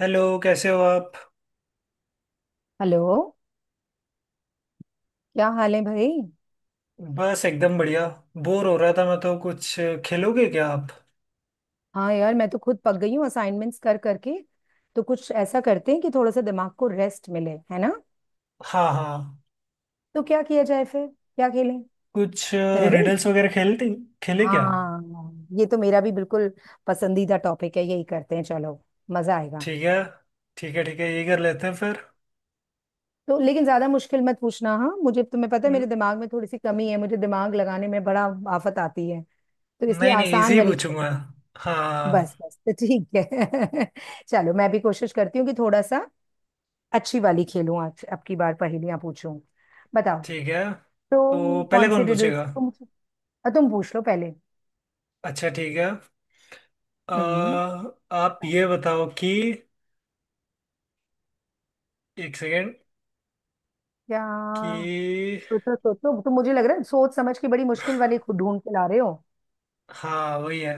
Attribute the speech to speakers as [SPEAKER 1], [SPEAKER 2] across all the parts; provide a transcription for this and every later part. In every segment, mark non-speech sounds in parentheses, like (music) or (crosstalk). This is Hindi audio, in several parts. [SPEAKER 1] हेलो, कैसे हो आप।
[SPEAKER 2] हेलो। क्या हाल है भाई।
[SPEAKER 1] बस एकदम बढ़िया। बोर हो रहा था मैं तो कुछ। खेलोगे क्या आप।
[SPEAKER 2] हाँ यार, मैं तो खुद पक गई हूँ असाइनमेंट्स कर करके। तो कुछ ऐसा करते हैं कि थोड़ा सा दिमाग को रेस्ट मिले, है ना।
[SPEAKER 1] हाँ, हाँ।
[SPEAKER 2] तो क्या किया जाए? फिर क्या खेलें?
[SPEAKER 1] कुछ
[SPEAKER 2] रिडल।
[SPEAKER 1] रिडल्स वगैरह खेलते खेले क्या।
[SPEAKER 2] हाँ, ये तो मेरा भी बिल्कुल पसंदीदा टॉपिक है। यही करते हैं, चलो। मजा आएगा।
[SPEAKER 1] ठीक है, ठीक है, ठीक है, ये कर लेते हैं फिर।
[SPEAKER 2] तो लेकिन ज्यादा मुश्किल मत पूछना हाँ, मुझे तो, तुम्हें पता है मेरे
[SPEAKER 1] न-
[SPEAKER 2] दिमाग में थोड़ी सी कमी है। मुझे दिमाग लगाने में बड़ा आफत आती है। तो इसलिए
[SPEAKER 1] नहीं, नहीं,
[SPEAKER 2] आसान
[SPEAKER 1] इजी
[SPEAKER 2] वाली
[SPEAKER 1] पूछूंगा।
[SPEAKER 2] खेलना।
[SPEAKER 1] हाँ।
[SPEAKER 2] बस बस, तो ठीक है। (laughs) चलो, मैं भी कोशिश करती हूँ कि थोड़ा सा अच्छी वाली खेलूं। आज आपकी बार पहेलियां पूछूं। बताओ।
[SPEAKER 1] ठीक है, तो
[SPEAKER 2] तुम
[SPEAKER 1] पहले
[SPEAKER 2] कौन सी
[SPEAKER 1] कौन
[SPEAKER 2] रिडल्स
[SPEAKER 1] पूछेगा।
[SPEAKER 2] तुम अ, तुम पूछ लो पहले।
[SPEAKER 1] अच्छा, ठीक है। अ,
[SPEAKER 2] हम्म।
[SPEAKER 1] आप
[SPEAKER 2] बताओ।
[SPEAKER 1] ये बताओ कि एक सेकेंड।
[SPEAKER 2] क्या?
[SPEAKER 1] कि।
[SPEAKER 2] सोचो सोचो तुम। मुझे लग रहा है सोच समझ के बड़ी मुश्किल वाली खुद ढूंढ के ला रहे हो।
[SPEAKER 1] हाँ, वही है।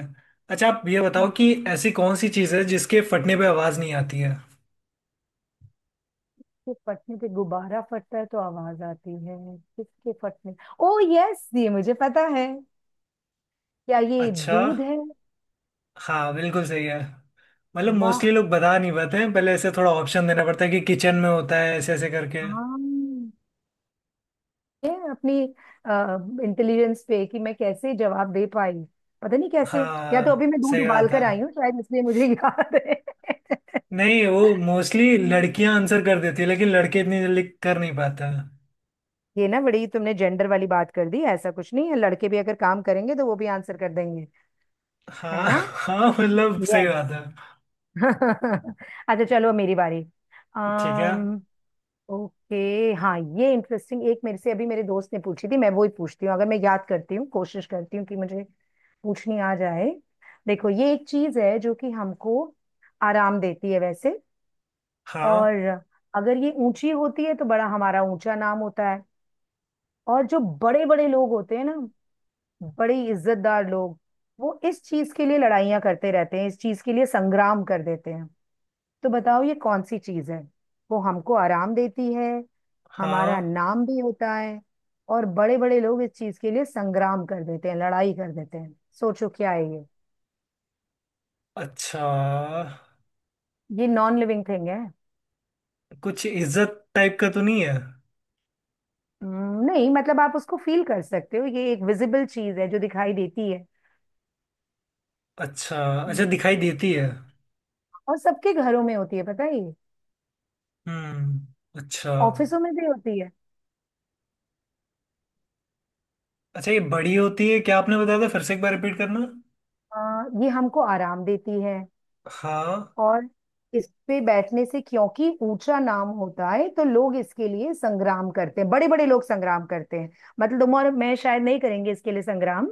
[SPEAKER 1] अच्छा, आप ये
[SPEAKER 2] किसके
[SPEAKER 1] बताओ कि ऐसी कौन सी चीज़ है जिसके फटने पे आवाज़ नहीं आती है।
[SPEAKER 2] फटने पे? गुब्बारा फटता है तो आवाज आती है। किसके फटने? ओ यस, ये मुझे पता है। क्या, ये
[SPEAKER 1] अच्छा।
[SPEAKER 2] दूध है?
[SPEAKER 1] हाँ, बिल्कुल सही है। मतलब
[SPEAKER 2] वाह।
[SPEAKER 1] मोस्टली लोग बता नहीं पाते हैं, पहले ऐसे थोड़ा ऑप्शन देना पड़ता है कि किचन में होता है, ऐसे ऐसे करके।
[SPEAKER 2] हाँ, है अपनी इंटेलिजेंस पे कि मैं कैसे जवाब दे पाई। पता नहीं कैसे। या तो अभी
[SPEAKER 1] हाँ,
[SPEAKER 2] मैं दूध
[SPEAKER 1] सही
[SPEAKER 2] उबाल
[SPEAKER 1] बात है।
[SPEAKER 2] कर आई हूँ, शायद इसलिए मुझे याद है। (laughs)
[SPEAKER 1] नहीं, वो मोस्टली लड़कियां आंसर कर देती है, लेकिन लड़के इतनी जल्दी कर नहीं पाते हैं।
[SPEAKER 2] ये ना बड़ी तुमने जेंडर वाली बात कर दी। ऐसा कुछ नहीं है, लड़के भी अगर काम करेंगे तो वो भी आंसर कर देंगे।
[SPEAKER 1] हाँ,
[SPEAKER 2] है ना?
[SPEAKER 1] (laughs) हाँ, मतलब सही बात
[SPEAKER 2] यस।
[SPEAKER 1] है।
[SPEAKER 2] (laughs) अच्छा चलो, अब मेरी बारी।
[SPEAKER 1] ठीक है।
[SPEAKER 2] अम्म ओके, हाँ, ये इंटरेस्टिंग। एक मेरे से अभी मेरे दोस्त ने पूछी थी, मैं वो ही पूछती हूँ अगर मैं याद करती हूँ। कोशिश करती हूँ कि मुझे पूछनी आ जाए। देखो, ये एक चीज है जो कि हमको आराम देती है वैसे। और
[SPEAKER 1] हाँ,
[SPEAKER 2] अगर ये ऊंची होती है तो बड़ा हमारा ऊंचा नाम होता है। और जो बड़े बड़े लोग होते हैं ना, बड़े इज्जतदार लोग, वो इस चीज के लिए लड़ाइयाँ करते रहते हैं। इस चीज के लिए संग्राम कर देते हैं। तो बताओ, ये कौन सी चीज है? वो हमको आराम देती है,
[SPEAKER 1] हाँ।
[SPEAKER 2] हमारा नाम भी होता है, और बड़े बड़े लोग इस चीज के लिए संग्राम कर देते हैं, लड़ाई कर देते हैं। सोचो, क्या है ये?
[SPEAKER 1] अच्छा,
[SPEAKER 2] ये नॉन लिविंग थिंग है।
[SPEAKER 1] कुछ इज्जत टाइप का तो नहीं है।
[SPEAKER 2] नहीं, मतलब आप उसको फील कर सकते हो। ये एक विजिबल चीज है जो दिखाई देती है।
[SPEAKER 1] अच्छा। अच्छा,
[SPEAKER 2] हम्म,
[SPEAKER 1] दिखाई देती है।
[SPEAKER 2] और सबके घरों में होती है। पता है? ये
[SPEAKER 1] हम्म। अच्छा।
[SPEAKER 2] ऑफिसों में भी होती है।
[SPEAKER 1] अच्छा, ये बड़ी होती है क्या? आपने बताया था, फिर से एक बार रिपीट करना।
[SPEAKER 2] ये हमको आराम देती है।
[SPEAKER 1] हाँ।
[SPEAKER 2] और इस पे बैठने से क्योंकि ऊंचा नाम होता है, तो लोग इसके लिए संग्राम करते हैं। बड़े बड़े लोग संग्राम करते हैं। मतलब तुम और मैं शायद नहीं करेंगे इसके लिए संग्राम,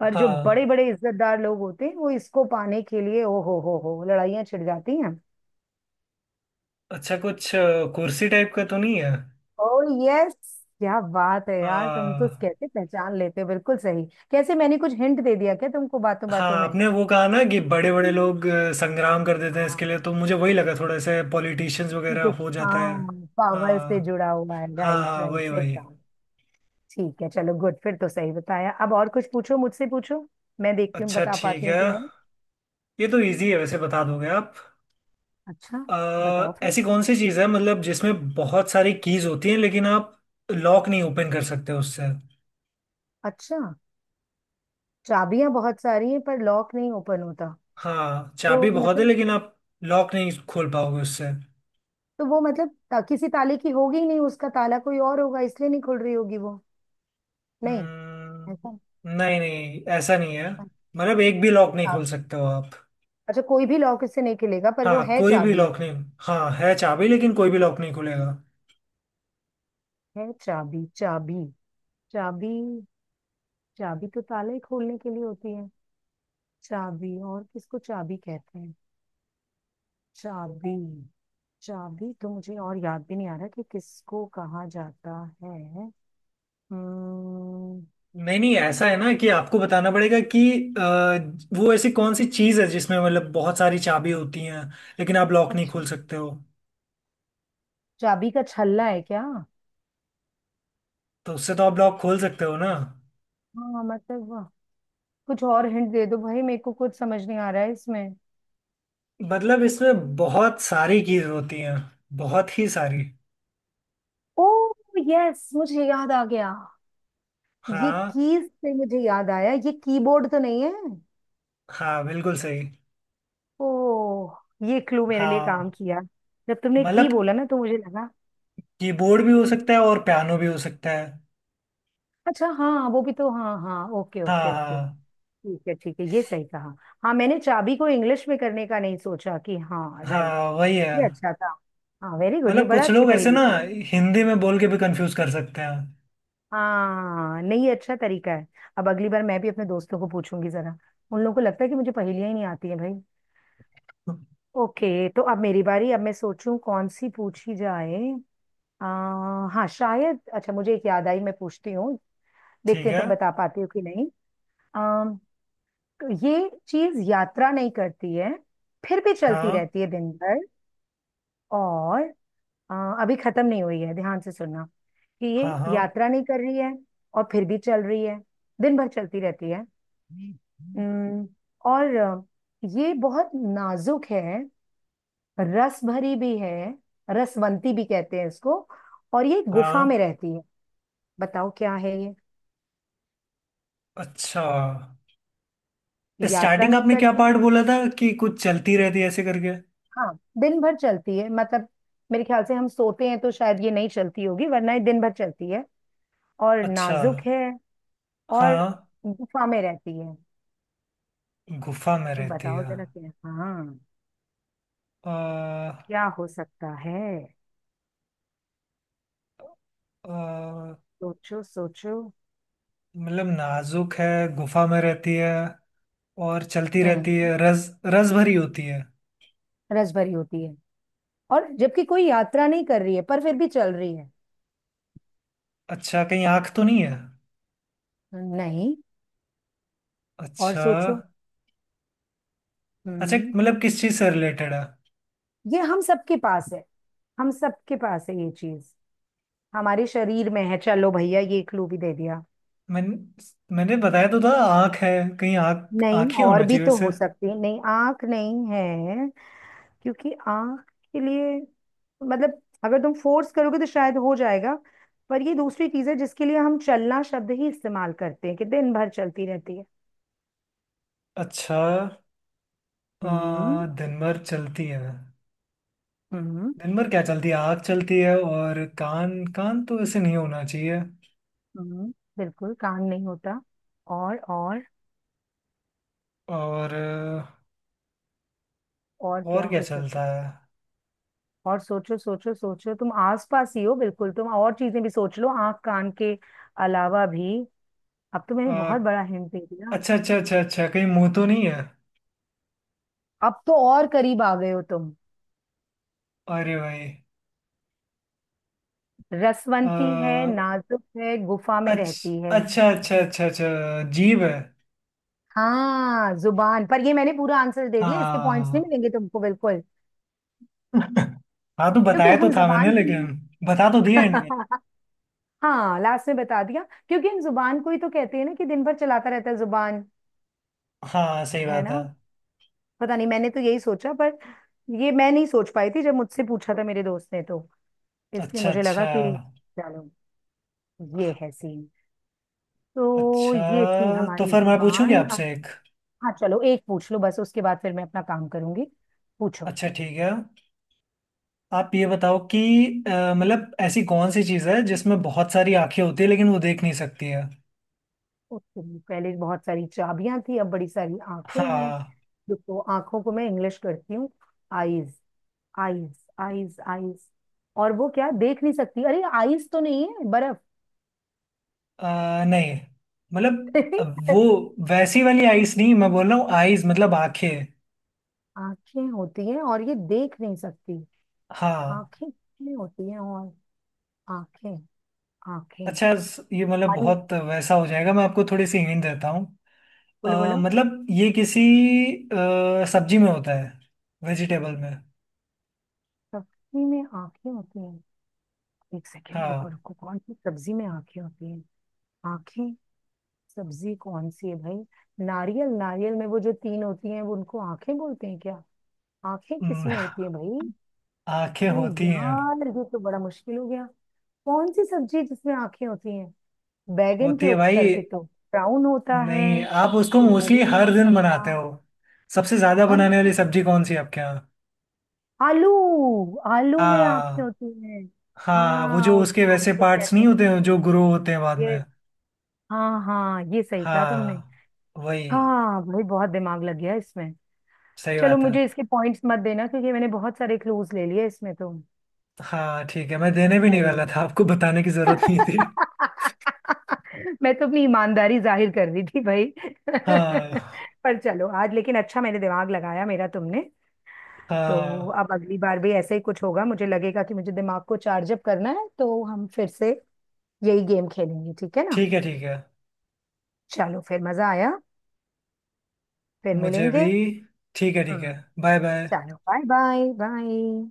[SPEAKER 2] पर जो बड़े
[SPEAKER 1] हाँ।
[SPEAKER 2] बड़े इज्जतदार लोग होते हैं वो इसको पाने के लिए, ओ हो, लड़ाइयां छिड़ जाती हैं।
[SPEAKER 1] अच्छा, कुछ कुर्सी टाइप का तो नहीं है।
[SPEAKER 2] ओ यस! क्या बात है यार, तुम तो
[SPEAKER 1] हाँ।
[SPEAKER 2] कैसे पहचान लेते हो बिल्कुल सही। कैसे? मैंने कुछ हिंट दे दिया क्या तुमको बातों
[SPEAKER 1] हाँ,
[SPEAKER 2] बातों में?
[SPEAKER 1] आपने वो कहा ना कि बड़े बड़े लोग संग्राम कर देते हैं
[SPEAKER 2] हाँ
[SPEAKER 1] इसके लिए, तो मुझे वही लगा थोड़ा सा पॉलिटिशियंस
[SPEAKER 2] कि
[SPEAKER 1] वगैरह
[SPEAKER 2] कुछ,
[SPEAKER 1] हो जाता है।
[SPEAKER 2] हाँ पावर से
[SPEAKER 1] हाँ।
[SPEAKER 2] जुड़ा हुआ है।
[SPEAKER 1] हाँ,
[SPEAKER 2] राइट
[SPEAKER 1] हाँ,
[SPEAKER 2] राइट,
[SPEAKER 1] वही
[SPEAKER 2] सही
[SPEAKER 1] वही।
[SPEAKER 2] कहा। ठीक है, चलो, गुड। फिर तो सही बताया। अब और कुछ पूछो, मुझसे पूछो। मैं देखती हूँ
[SPEAKER 1] अच्छा,
[SPEAKER 2] बता पाती
[SPEAKER 1] ठीक
[SPEAKER 2] हूँ
[SPEAKER 1] है।
[SPEAKER 2] कि नहीं।
[SPEAKER 1] ये तो इजी है, वैसे बता दोगे आप।
[SPEAKER 2] अच्छा, बताओ फिर।
[SPEAKER 1] ऐसी कौन सी चीज़ है मतलब जिसमें बहुत सारी कीज होती हैं, लेकिन आप लॉक नहीं ओपन कर सकते उससे।
[SPEAKER 2] अच्छा, चाबियां बहुत सारी हैं पर लॉक नहीं ओपन होता,
[SPEAKER 1] हाँ,
[SPEAKER 2] तो
[SPEAKER 1] चाबी बहुत है,
[SPEAKER 2] मतलब।
[SPEAKER 1] लेकिन आप लॉक नहीं खोल पाओगे उससे।
[SPEAKER 2] तो वो मतलब, किसी ताले की होगी ही नहीं, उसका ताला कोई और होगा इसलिए नहीं खुल रही होगी वो। नहीं,
[SPEAKER 1] हम्म,
[SPEAKER 2] ऐसा।
[SPEAKER 1] नहीं, नहीं, ऐसा नहीं है, मतलब एक भी लॉक नहीं
[SPEAKER 2] अच्छा,
[SPEAKER 1] खोल सकते हो आप।
[SPEAKER 2] अच्छा, कोई भी लॉक इससे नहीं खुलेगा पर वो
[SPEAKER 1] हाँ,
[SPEAKER 2] है
[SPEAKER 1] कोई भी
[SPEAKER 2] चाबी।
[SPEAKER 1] लॉक नहीं। हाँ, है चाबी, लेकिन कोई भी लॉक नहीं खुलेगा।
[SPEAKER 2] है चाबी। चाबी। चाबी। चाबी तो ताला ही खोलने के लिए होती है। चाबी और किसको चाबी कहते हैं? चाबी। चाबी तो मुझे और याद भी नहीं आ रहा कि किसको कहा जाता है। हम्म।
[SPEAKER 1] नहीं, नहीं, ऐसा है ना कि आपको बताना पड़ेगा कि अ, वो ऐसी कौन सी चीज़ है जिसमें मतलब बहुत सारी चाबी होती हैं, लेकिन आप लॉक नहीं
[SPEAKER 2] अच्छा,
[SPEAKER 1] खोल सकते हो।
[SPEAKER 2] चाबी का छल्ला है क्या?
[SPEAKER 1] तो उससे तो आप लॉक खोल सकते हो ना।
[SPEAKER 2] हाँ, मतलब कुछ और हिंट दे दो भाई, मेरे को कुछ समझ नहीं आ रहा है इसमें।
[SPEAKER 1] मतलब इसमें बहुत सारी चीज़ होती हैं, बहुत ही सारी।
[SPEAKER 2] ओ यस, मुझे याद आ गया। ये
[SPEAKER 1] हाँ।
[SPEAKER 2] कीज से मुझे याद आया, ये कीबोर्ड तो नहीं है?
[SPEAKER 1] हाँ, बिल्कुल सही।
[SPEAKER 2] ओ, ये क्लू मेरे लिए काम
[SPEAKER 1] हाँ,
[SPEAKER 2] किया। जब तुमने की
[SPEAKER 1] मतलब
[SPEAKER 2] बोला ना तो मुझे लगा।
[SPEAKER 1] कीबोर्ड भी हो सकता है और पियानो भी हो सकता है।
[SPEAKER 2] अच्छा हाँ, वो भी तो, हाँ हाँ, ओके
[SPEAKER 1] हाँ,
[SPEAKER 2] ओके ओके।
[SPEAKER 1] हाँ।
[SPEAKER 2] ठीक है ठीक है, ये सही कहा। हाँ, मैंने चाबी को इंग्लिश में करने का नहीं सोचा कि हाँ, राइट।
[SPEAKER 1] हाँ, वही है।
[SPEAKER 2] ये अच्छा था। हाँ, वेरी गुड, ये
[SPEAKER 1] मतलब
[SPEAKER 2] बड़ा
[SPEAKER 1] कुछ
[SPEAKER 2] अच्छी
[SPEAKER 1] लोग ऐसे
[SPEAKER 2] पहेली
[SPEAKER 1] ना,
[SPEAKER 2] थी।
[SPEAKER 1] हिंदी में बोल के भी कंफ्यूज कर सकते हैं।
[SPEAKER 2] हाँ नहीं, ये अच्छा तरीका है। अब अगली बार मैं भी अपने दोस्तों को पूछूंगी जरा। उन लोगों को लगता है कि मुझे पहेलियां ही नहीं आती हैं भाई। ओके, तो अब मेरी बारी। अब मैं सोचूं कौन सी पूछी जाए। आ, हाँ, शायद अच्छा मुझे एक याद आई, मैं पूछती हूँ।
[SPEAKER 1] ठीक
[SPEAKER 2] देखते हैं
[SPEAKER 1] है।
[SPEAKER 2] तुम बता पाती हो कि नहीं। आ, ये चीज यात्रा नहीं करती है, फिर भी चलती
[SPEAKER 1] हाँ,
[SPEAKER 2] रहती है दिन भर। और अ, अभी खत्म नहीं हुई है, ध्यान से सुनना कि
[SPEAKER 1] हाँ,
[SPEAKER 2] ये
[SPEAKER 1] हाँ,
[SPEAKER 2] यात्रा नहीं कर रही है और फिर भी चल रही है, दिन भर चलती रहती है। उम्म, और ये बहुत नाजुक है। रस भरी भी है। रसवंती भी कहते हैं इसको। और ये गुफा में
[SPEAKER 1] हाँ।
[SPEAKER 2] रहती है। बताओ क्या है ये?
[SPEAKER 1] अच्छा,
[SPEAKER 2] यात्रा
[SPEAKER 1] स्टार्टिंग
[SPEAKER 2] नहीं
[SPEAKER 1] आपने क्या
[SPEAKER 2] करती,
[SPEAKER 1] पार्ट बोला था कि कुछ चलती रहती है, ऐसे करके।
[SPEAKER 2] हाँ। दिन भर चलती है मतलब, मेरे ख्याल से हम सोते हैं तो शायद ये नहीं चलती होगी, वरना ये दिन भर चलती है। और
[SPEAKER 1] अच्छा।
[SPEAKER 2] नाजुक है, और
[SPEAKER 1] हाँ।
[SPEAKER 2] गुफा में रहती है।
[SPEAKER 1] गुफा में
[SPEAKER 2] तो
[SPEAKER 1] रहती
[SPEAKER 2] बताओ
[SPEAKER 1] है।
[SPEAKER 2] जरा, क्या हाँ,
[SPEAKER 1] अ,
[SPEAKER 2] क्या हो सकता है?
[SPEAKER 1] अ,
[SPEAKER 2] सोचो सोचो।
[SPEAKER 1] मतलब नाजुक है, गुफा में रहती है और चलती
[SPEAKER 2] हम्म।
[SPEAKER 1] रहती है, रस रस भरी होती है।
[SPEAKER 2] रसभरी होती है, और जबकि कोई यात्रा नहीं कर रही है पर फिर भी चल रही है।
[SPEAKER 1] अच्छा, कहीं आँख तो नहीं है।
[SPEAKER 2] नहीं, और
[SPEAKER 1] अच्छा।
[SPEAKER 2] सोचो।
[SPEAKER 1] अच्छा,
[SPEAKER 2] हम्म।
[SPEAKER 1] मतलब किस चीज से रिलेटेड है?
[SPEAKER 2] ये हम सबके पास है, हम सबके पास है ये चीज, हमारे शरीर में है। चलो भैया, ये क्लू भी दे दिया।
[SPEAKER 1] मैंने मैंने बताया तो था, आँख है। कहीं आँख
[SPEAKER 2] नहीं,
[SPEAKER 1] आँख ही
[SPEAKER 2] और
[SPEAKER 1] होना
[SPEAKER 2] भी
[SPEAKER 1] चाहिए
[SPEAKER 2] तो
[SPEAKER 1] वैसे।
[SPEAKER 2] हो सकती है। नहीं, आंख नहीं है। क्योंकि आंख के लिए, मतलब अगर तुम फोर्स करोगे तो शायद हो जाएगा, पर ये दूसरी चीज है जिसके लिए हम चलना शब्द ही इस्तेमाल करते हैं कि दिन भर चलती रहती है।
[SPEAKER 1] अच्छा।
[SPEAKER 2] हम्म,
[SPEAKER 1] दिन भर चलती है।
[SPEAKER 2] हम्म,
[SPEAKER 1] दिन भर क्या चलती है, आँख चलती है और कान, कान तो वैसे नहीं होना चाहिए।
[SPEAKER 2] हम्म, बिल्कुल काम नहीं होता। और और
[SPEAKER 1] और
[SPEAKER 2] और क्या
[SPEAKER 1] और क्या
[SPEAKER 2] हो सकता?
[SPEAKER 1] चलता है?
[SPEAKER 2] और सोचो सोचो सोचो, तुम आसपास ही हो बिल्कुल तुम। और चीजें भी सोच लो, आंख कान के अलावा भी। अब तो मैंने
[SPEAKER 1] आ,
[SPEAKER 2] बहुत बड़ा हिंट दे दिया।
[SPEAKER 1] अच्छा, अच्छा, अच्छा, अच्छा, कहीं मुंह तो नहीं है?
[SPEAKER 2] अब तो और करीब आ गए हो तुम।
[SPEAKER 1] अरे भाई।
[SPEAKER 2] रसवंती है,
[SPEAKER 1] आ,
[SPEAKER 2] नाजुक है, गुफा में रहती
[SPEAKER 1] अच्छा,
[SPEAKER 2] है।
[SPEAKER 1] अच्छा, अच्छा, अच्छा, अच्छा। जीभ है।
[SPEAKER 2] हाँ जुबान! पर ये मैंने पूरा आंसर दे दिया, इसके पॉइंट्स
[SPEAKER 1] हाँ,
[SPEAKER 2] नहीं मिलेंगे तुमको बिल्कुल।
[SPEAKER 1] (laughs) हाँ, तो
[SPEAKER 2] क्योंकि
[SPEAKER 1] बताया तो
[SPEAKER 2] हम
[SPEAKER 1] था मैंने,
[SPEAKER 2] जबान को नहीं।
[SPEAKER 1] लेकिन बता तो दिया एंड में।
[SPEAKER 2] (laughs) हाँ, लास्ट में बता दिया। क्योंकि हम जुबान को ही तो कहते हैं ना कि दिन भर चलाता रहता है जुबान।
[SPEAKER 1] हाँ, सही
[SPEAKER 2] है
[SPEAKER 1] बात है।
[SPEAKER 2] ना? पता नहीं, मैंने तो यही सोचा। पर ये मैं नहीं सोच पाई थी जब मुझसे पूछा था मेरे दोस्त ने तो। इसलिए
[SPEAKER 1] अच्छा,
[SPEAKER 2] मुझे
[SPEAKER 1] अच्छा,
[SPEAKER 2] लगा कि चलो, ये है सीन। तो ये थी
[SPEAKER 1] अच्छा, तो
[SPEAKER 2] हमारी
[SPEAKER 1] फिर मैं पूछूंगी
[SPEAKER 2] जुबान, अब।
[SPEAKER 1] आपसे एक।
[SPEAKER 2] हाँ, चलो, एक पूछ लो बस। उसके बाद फिर मैं अपना काम करूंगी। पूछो।
[SPEAKER 1] अच्छा, ठीक है। आप ये बताओ कि मतलब ऐसी कौन सी चीज़ है जिसमें बहुत सारी आंखें होती है, लेकिन वो देख नहीं सकती है।
[SPEAKER 2] ओके, पहले बहुत सारी चाबियां थी, अब बड़ी सारी आंखें हैं।
[SPEAKER 1] हाँ।
[SPEAKER 2] देखो, आंखों को मैं इंग्लिश करती हूँ। Eyes, eyes, eyes, eyes. और वो क्या देख नहीं सकती? अरे आईज तो नहीं है बर्फ।
[SPEAKER 1] नहीं, मतलब वो
[SPEAKER 2] (laughs)
[SPEAKER 1] वैसी वाली आईज नहीं मैं बोल रहा हूँ, आईज मतलब आंखें।
[SPEAKER 2] आंखें होती हैं और ये देख नहीं सकती।
[SPEAKER 1] हाँ।
[SPEAKER 2] आंखें कितनी होती हैं? और आंखें, आंखें,
[SPEAKER 1] अच्छा, ये मतलब
[SPEAKER 2] मन।
[SPEAKER 1] बहुत वैसा हो जाएगा, मैं आपको थोड़ी सी हिंट देता हूँ।
[SPEAKER 2] बोलो बोलो।
[SPEAKER 1] मतलब ये किसी सब्जी में होता है, वेजिटेबल में।
[SPEAKER 2] सब्जी में आंखें होती हैं? एक सेकेंड, रुको
[SPEAKER 1] हाँ।
[SPEAKER 2] रुको, कौन सी सब्जी में आंखें होती हैं? आंखें। सब्जी कौन सी है भाई? नारियल, नारियल में वो जो तीन होती हैं, वो उनको आंखें बोलते हैं क्या? आंखें किस
[SPEAKER 1] हम्म,
[SPEAKER 2] में होती हैं भाई?
[SPEAKER 1] आंखें
[SPEAKER 2] ये
[SPEAKER 1] होती हैं।
[SPEAKER 2] यार, ये तो बड़ा मुश्किल हो गया। कौन सी सब्जी है जिसमें आंखें होती हैं? बैगन के
[SPEAKER 1] होती है भाई।
[SPEAKER 2] अक्सर पे तो ब्राउन होता है,
[SPEAKER 1] नहीं, आप उसको
[SPEAKER 2] तो वो भी
[SPEAKER 1] मोस्टली
[SPEAKER 2] नहीं
[SPEAKER 1] हर
[SPEAKER 2] हो
[SPEAKER 1] दिन
[SPEAKER 2] सकता।
[SPEAKER 1] बनाते हो। सबसे ज्यादा
[SPEAKER 2] हर,
[SPEAKER 1] बनाने वाली सब्जी कौन सी है आपके यहाँ?
[SPEAKER 2] आलू! आलू में आंखें
[SPEAKER 1] हाँ।
[SPEAKER 2] होती हैं?
[SPEAKER 1] हाँ, वो
[SPEAKER 2] हाँ,
[SPEAKER 1] जो उसके
[SPEAKER 2] उसको
[SPEAKER 1] वैसे
[SPEAKER 2] आंखें
[SPEAKER 1] पार्ट्स
[SPEAKER 2] कहते
[SPEAKER 1] नहीं
[SPEAKER 2] हैं
[SPEAKER 1] होते हैं जो ग्रो होते हैं बाद
[SPEAKER 2] ये।
[SPEAKER 1] में।
[SPEAKER 2] हाँ हाँ, ये सही कहा तुमने।
[SPEAKER 1] हाँ, वही।
[SPEAKER 2] हाँ भाई, बहुत दिमाग लग गया इसमें।
[SPEAKER 1] सही
[SPEAKER 2] चलो,
[SPEAKER 1] बात है।
[SPEAKER 2] मुझे इसके पॉइंट्स मत देना क्योंकि मैंने बहुत सारे क्लूज ले लिए इसमें तो।
[SPEAKER 1] हाँ, ठीक है, मैं देने भी नहीं
[SPEAKER 2] अरे,
[SPEAKER 1] वाला था, आपको बताने की जरूरत नहीं थी।
[SPEAKER 2] (laughs) मैं तो अपनी ईमानदारी जाहिर कर रही थी भाई। (laughs)
[SPEAKER 1] हाँ।
[SPEAKER 2] पर चलो आज, लेकिन अच्छा मैंने दिमाग लगाया मेरा, तुमने। तो
[SPEAKER 1] हाँ,
[SPEAKER 2] अब अगली बार भी ऐसा ही कुछ होगा, मुझे लगेगा कि मुझे दिमाग को चार्ज अप करना है तो हम फिर से यही गेम खेलेंगे। ठीक है ना?
[SPEAKER 1] ठीक है, ठीक है,
[SPEAKER 2] चलो, फिर मजा आया। फिर
[SPEAKER 1] मुझे भी।
[SPEAKER 2] मिलेंगे।
[SPEAKER 1] ठीक है, ठीक है।
[SPEAKER 2] हाँ,
[SPEAKER 1] बाय, बाय।
[SPEAKER 2] चलो बाय बाय बाय।